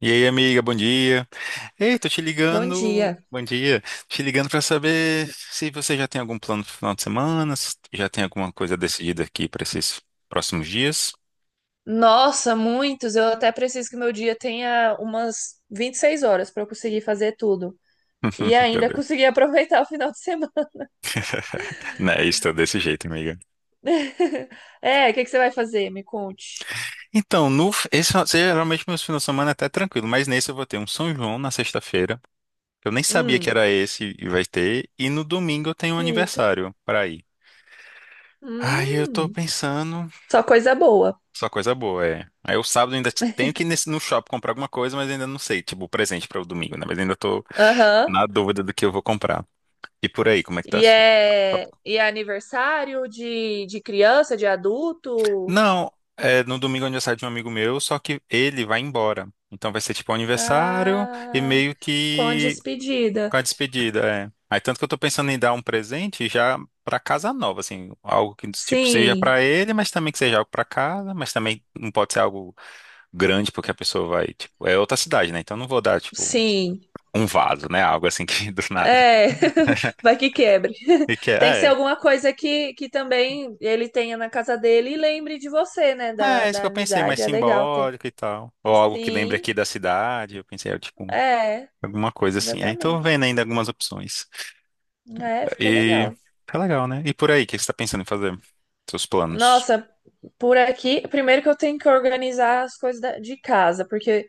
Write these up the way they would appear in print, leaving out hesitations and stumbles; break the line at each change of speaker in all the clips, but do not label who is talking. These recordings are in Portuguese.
E aí, amiga, bom dia. Ei, tô te
Bom
ligando.
dia.
Bom dia. Te ligando pra saber se você já tem algum plano pro final de semana, se já tem alguma coisa decidida aqui pra esses próximos dias.
Nossa, muitos. Eu até preciso que meu dia tenha umas 26 horas para eu conseguir fazer tudo. E
Tá
ainda
doido.
conseguir aproveitar o final de semana.
Não, é isso, tô desse jeito, amiga.
É, o que que você vai fazer? Me conte.
Então, no, esse, geralmente meus finais de semana é até tranquilo, mas nesse eu vou ter um São João na sexta-feira. Que Eu nem sabia que
Hum,
era esse e vai ter. E no domingo eu tenho um
eita.
aniversário pra ir. Aí eu tô
Hum,
pensando.
só coisa boa.
Só coisa boa, é. Aí o sábado ainda tenho que ir no shopping comprar alguma coisa, mas ainda não sei, tipo, o presente para o domingo, né? Mas ainda tô
Aham.
na dúvida do que eu vou comprar. E por aí, como é que tá a sua? Tá bom.
E é aniversário de criança, de adulto?
Não, é no domingo é aniversário de um amigo meu, só que ele vai embora. Então vai ser tipo um aniversário e
Ah,
meio
com a
que
despedida.
com a despedida, é. Aí tanto que eu tô pensando em dar um presente já pra casa nova, assim, algo que tipo seja
Sim,
pra ele, mas também que seja algo pra casa, mas também não pode ser algo grande porque a pessoa vai, tipo, é outra cidade, né? Então eu não vou dar, tipo,
sim.
um vaso, né? Algo assim que do nada.
É, vai que quebre.
E que
Tem que ser alguma coisa que também ele tenha na casa dele e lembre de você, né? Da,
é isso que
da
eu pensei, mais
amizade. É legal ter.
simbólico e tal. Ou algo que lembre
Sim,
aqui da cidade. Eu pensei, é, tipo,
é,
alguma coisa assim. Aí tô
exatamente.
vendo ainda algumas opções.
É, fica
E
legal.
tá legal, né? E por aí, o que você tá pensando em fazer? Seus planos?
Nossa, por aqui, primeiro que eu tenho que organizar as coisas de casa, porque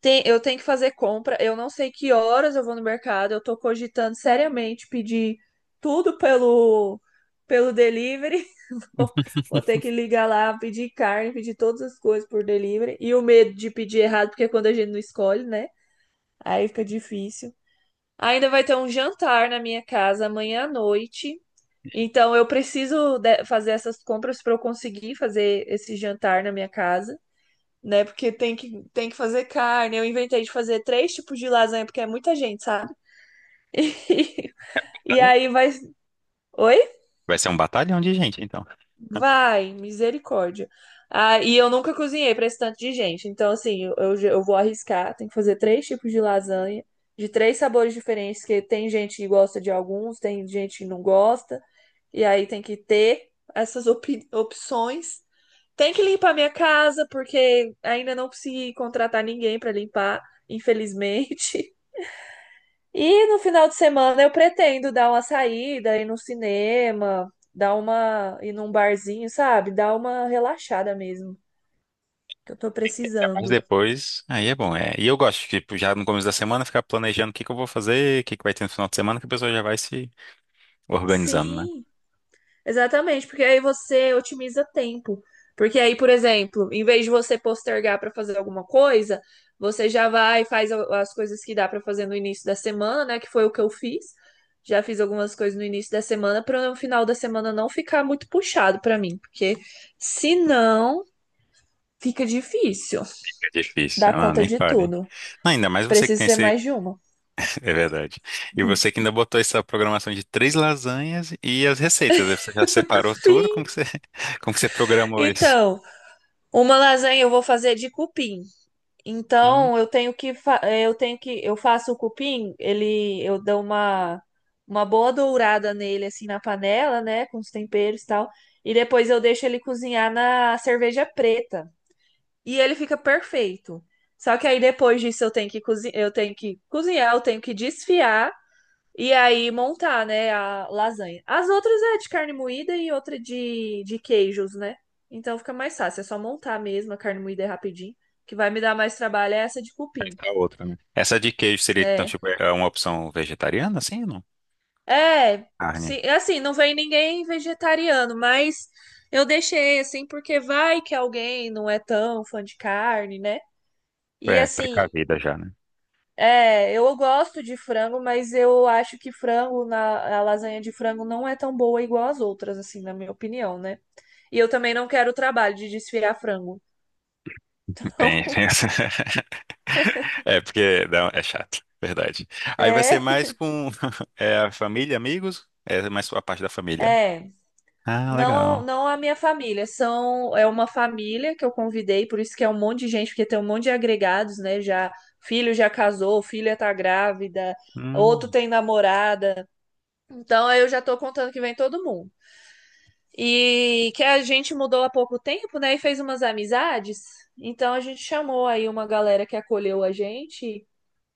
tem, eu tenho que fazer compra. Eu não sei que horas eu vou no mercado. Eu tô cogitando seriamente pedir tudo pelo, pelo delivery. Vou ter que ligar lá, pedir carne, pedir todas as coisas por delivery. E o medo de pedir errado, porque é quando a gente não escolhe, né? Aí fica difícil. Ainda vai ter um jantar na minha casa amanhã à noite. Então eu preciso fazer essas compras para eu conseguir fazer esse jantar na minha casa, né? Porque tem que fazer carne. Eu inventei de fazer três tipos de lasanha, porque é muita gente, sabe? E
Olha,
aí vai. Oi?
vai ser um batalhão de gente, então.
Vai, misericórdia. Ah, e eu nunca cozinhei para esse tanto de gente. Então, assim, eu vou arriscar. Tem que fazer três tipos de lasanha, de três sabores diferentes, que tem gente que gosta de alguns, tem gente que não gosta. E aí tem que ter essas opções. Tem que limpar minha casa, porque ainda não consegui contratar ninguém para limpar, infelizmente. E no final de semana eu pretendo dar uma saída, ir no cinema, dar uma, ir num barzinho, sabe? Dar uma relaxada mesmo, que eu tô
É, mas
precisando.
depois, aí é bom. É. E eu gosto, tipo, já no começo da semana, ficar planejando o que que eu vou fazer, o que que vai ter no final de semana, que a pessoa já vai se organizando, né?
Sim, exatamente, porque aí você otimiza tempo. Porque aí, por exemplo, em vez de você postergar para fazer alguma coisa, você já vai e faz as coisas que dá para fazer no início da semana, né? Que foi o que eu fiz. Já fiz algumas coisas no início da semana para no final da semana não ficar muito puxado para mim, porque se não fica difícil
Difícil,
dar
ah,
conta
nem
de
fale.
tudo.
Não, ainda mais você que
Precisa
tem
ser
esse.
mais de uma.
É verdade. E você que ainda botou essa programação de três lasanhas e as receitas. Aí você já separou tudo?
Sim.
Como que você, como que você programou isso?
Então, uma lasanha eu vou fazer de cupim.
Hum,
Então, eu tenho que eu tenho que eu faço o cupim, ele eu dou uma boa dourada nele assim na panela, né, com os temperos e tal, e depois eu deixo ele cozinhar na cerveja preta. E ele fica perfeito. Só que aí depois disso eu tenho que cozinhar, eu tenho que desfiar. E aí montar, né, a lasanha. As outras é de carne moída e outra de queijos, né? Então fica mais fácil, é só montar mesmo, a carne moída é rapidinho. O que vai me dar mais trabalho é essa de
aí
cupim.
tá outra, né? Essa de queijo seria, então,
É.
tipo, é uma opção vegetariana, assim ou não?
É,
Carne.
sim, assim, não vem ninguém vegetariano, mas eu deixei assim porque vai que alguém não é tão fã de carne, né? E
É,
assim,
precavida já, né?
é, eu gosto de frango, mas eu acho que frango na a lasanha de frango não é tão boa igual as outras, assim, na minha opinião, né? E eu também não quero o trabalho de desfiar frango.
Tem, tem essa. É, porque não, é chato, verdade. Aí vai ser
É,
mais com é, a família, amigos? É mais a parte da família.
é.
Ah,
Não,
legal.
não a minha família, são é uma família que eu convidei, por isso que é um monte de gente, porque tem um monte de agregados, né? Já filho já casou, filha tá grávida, outro
Hum.
tem namorada. Então eu já tô contando que vem todo mundo. E que a gente mudou há pouco tempo, né? E fez umas amizades. Então a gente chamou aí uma galera que acolheu a gente.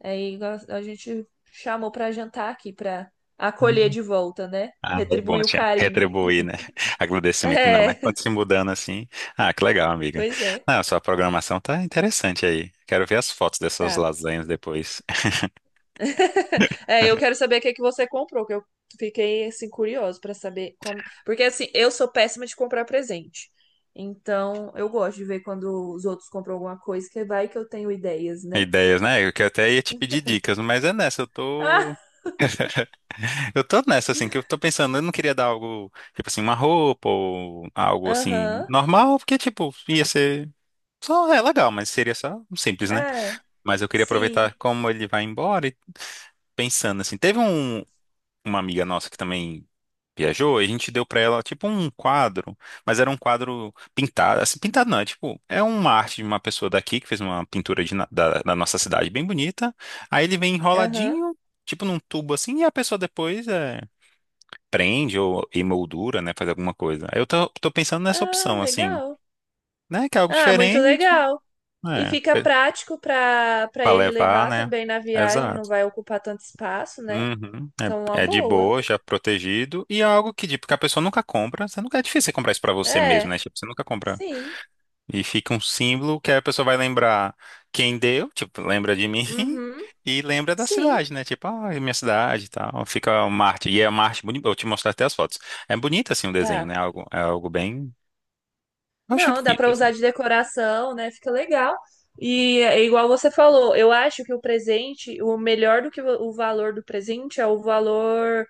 Aí a gente chamou pra jantar aqui, pra acolher de volta, né?
Ah, bom,
Retribuir o
tinha
carinho.
retribuir, né? Agradecimento, ainda mais
É,
quando se mudando assim. Ah, que legal, amiga.
pois é.
Ah, sua programação tá interessante aí. Quero ver as fotos dessas
Tá.
lasanhas depois.
É, eu quero saber o que que você comprou, que eu fiquei assim curioso pra saber como, porque assim, eu sou péssima de comprar presente. Então, eu gosto de ver quando os outros compram alguma coisa, que vai que eu tenho ideias, né?
Ideias, né? Eu que até ia te pedir dicas, mas é nessa, eu
Ah,
tô. Eu tô nessa, assim, que eu tô pensando, eu não queria dar algo, tipo assim, uma roupa ou algo assim,
aham.
normal, porque, tipo, ia ser. Só é legal, mas seria só um simples, né?
É,
Mas eu queria aproveitar
sim.
como ele vai embora e pensando assim. Teve uma amiga nossa que também viajou e a gente deu pra ela tipo um quadro, mas era um quadro pintado, assim, pintado não, é tipo, é uma arte de uma pessoa daqui que fez uma pintura da nossa cidade bem bonita. Aí ele vem
Aham.
enroladinho, tipo num tubo assim, e a pessoa depois é, prende ou emoldura, né, faz alguma coisa. Aí eu tô pensando nessa
Ah,
opção assim,
legal.
né, que é algo
Ah, muito
diferente,
legal. E
né,
fica prático para para
pra
ele
levar,
levar
né?
também na viagem, não
Exato.
vai ocupar tanto espaço, né?
Uhum.
Então, uma
É, é de
boa.
boa, já protegido. E é algo que, tipo, que a pessoa nunca compra. Você nunca é difícil você comprar isso pra você mesmo,
É,
né? Tipo, você nunca compra.
sim.
E fica um símbolo que a pessoa vai lembrar quem deu, tipo, lembra de mim
Uhum,
e lembra da
sim.
cidade, né? Tipo, ah, é minha cidade e tal. Fica uma arte. E é uma arte bonita. Eu te mostrar até as fotos. É bonito, assim, o desenho, né?
Tá.
Algo, é algo bem. Eu achei
Não, dá
bonito,
pra
assim.
usar de decoração, né? Fica legal. E é igual você falou, eu acho que o presente, o melhor do que o valor do presente é o valor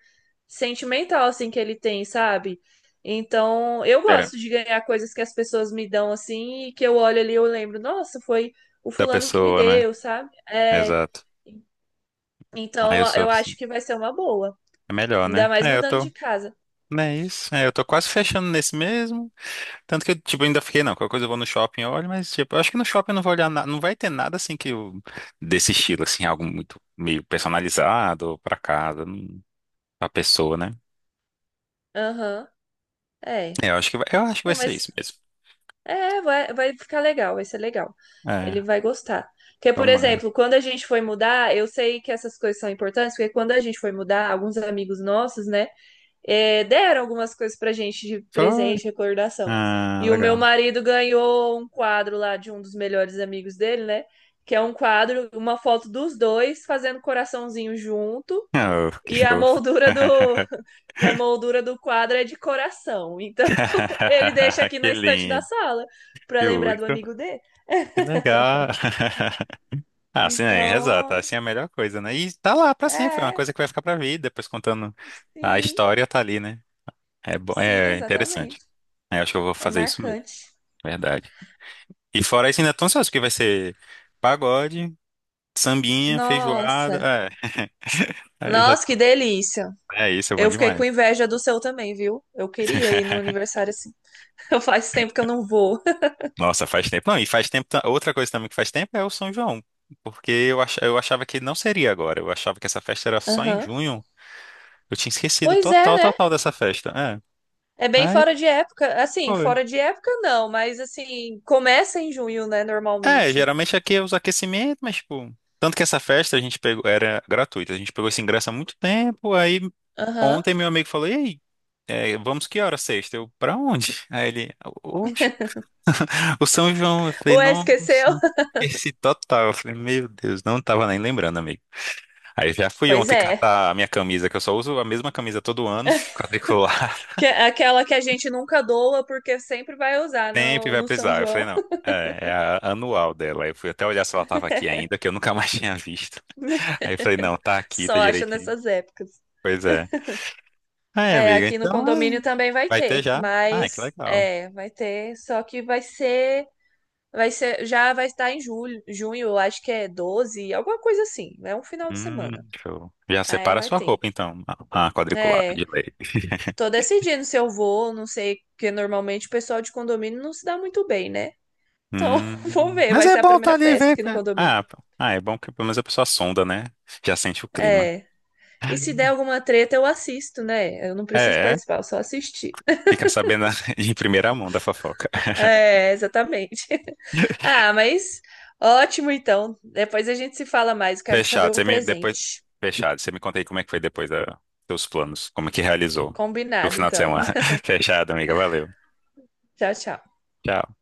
sentimental, assim, que ele tem, sabe? Então, eu
É.
gosto de ganhar coisas que as pessoas me dão, assim, e que eu olho ali e eu lembro, nossa, foi o
Da
fulano que me
pessoa, né?
deu, sabe? É,
Exato. Aí eu
então,
sou
eu
assim.
acho que vai ser uma boa.
É melhor, né?
Ainda mais
É, eu
mudando
tô.
de casa.
Não é isso? É, eu tô quase fechando nesse mesmo. Tanto que eu, tipo, ainda fiquei, não, qualquer coisa eu vou no shopping, eu olho, mas, tipo, eu acho que no shopping eu não vou olhar nada, não vai ter nada, assim, que eu, desse estilo, assim, algo muito meio personalizado pra casa, pra pessoa, né?
Aham, é.
É, eu acho que vai, eu acho que vai
Não,
ser isso
mas
mesmo.
é, vai, vai ficar legal, vai ser legal.
É,
Ele vai gostar. Porque, por
tomara.
exemplo, quando a gente foi mudar, eu sei que essas coisas são importantes, porque quando a gente foi mudar, alguns amigos nossos, né, deram algumas coisas pra gente de
Foi.
presente, recordação.
Ah,
E o meu
legal.
marido ganhou um quadro lá de um dos melhores amigos dele, né? Que é um quadro, uma foto dos dois fazendo coraçãozinho junto,
Oh, que
e a
fofo.
moldura e a moldura do quadro é de coração. Então, ele deixa aqui
Que
na estante da
lindo.
sala para lembrar do
Justo.
amigo dele.
Que legal. Ah, assim, é, rezar, tá?
Então,
Assim é a melhor coisa, né? E tá lá pra sempre, é uma
é,
coisa que vai ficar pra vida, depois contando a
sim,
história, tá ali, né? É,
sim,
é interessante.
exatamente.
É, acho que eu vou
É
fazer isso mesmo,
marcante.
verdade. E fora isso, ainda tô ansioso, porque vai ser pagode, sambinha, feijoada.
Nossa,
É, aí eu já
nossa,
tô...
que delícia.
É isso, é bom
Eu fiquei
demais.
com inveja do seu também, viu? Eu queria ir no aniversário assim. Faz tempo que eu não vou.
Nossa, faz tempo. Não, e faz tempo. Outra coisa também que faz tempo é o São João. Porque eu achava que não seria agora. Eu achava que essa festa era só em
Aham.
junho. Eu tinha esquecido
Pois é,
total,
né?
total dessa festa. É.
É bem
Aí,
fora de época. Assim,
pô.
fora de época não, mas assim, começa em junho, né,
É,
normalmente.
geralmente aqui é os aquecimentos, mas tipo. Tanto que essa festa a gente pegou, era gratuita, a gente pegou esse ingresso há muito tempo, aí
Aham.
ontem meu amigo falou, e aí, é, vamos que hora sexta? Eu, pra onde? Aí ele, oxe, o São João. Eu falei,
Ué, esqueceu?
nossa, esse total. Eu falei, meu Deus, não tava nem lembrando, amigo. Aí já fui
Pois
ontem
é.
catar a minha camisa, que eu só uso a mesma camisa todo ano, quadricular.
Que, é aquela que a gente nunca doa porque sempre vai usar
Sempre
no,
vai
no São
precisar. Eu falei,
João.
não, é, é a anual dela. Eu fui até olhar se ela estava aqui ainda, que eu nunca mais tinha visto. Aí eu falei, não, tá aqui, tá
Só acha
direitinho.
nessas épocas.
Pois é. Aí,
É,
amiga,
aqui no
então
condomínio
é,
também vai
vai ter
ter,
já. Ah, que
mas
legal.
é, vai ter, só que vai ser, já vai estar em julho, junho, acho que é 12 alguma coisa assim, é um final de
Hum,
semana.
show. Já
Aí
separa a
vai
sua
ter.
roupa, então. A quadriculada de
É,
leite.
tô decidindo se eu vou, não sei, porque normalmente o pessoal de condomínio não se dá muito bem, né? Então, vou ver,
Mas
vai
é
ser a
bom estar tá
primeira
ali e
festa
ver.
aqui no condomínio.
Ah, pô. Ah, é bom que pelo menos a pessoa sonda, né? Já sente o clima.
É, e se der alguma treta, eu assisto, né? Eu não preciso
É, é.
participar, eu só assistir.
Fica sabendo em primeira mão da fofoca.
É, exatamente. Ah, mas ótimo então. Depois a gente se fala mais. Quero saber
Fechado.
o
Você me depois
presente.
fechado. Você me conta aí como é que foi depois da seus planos, como é que realizou do
Combinado,
final de
então.
semana. Fechado, amiga. Valeu.
Tchau, tchau.
Tchau.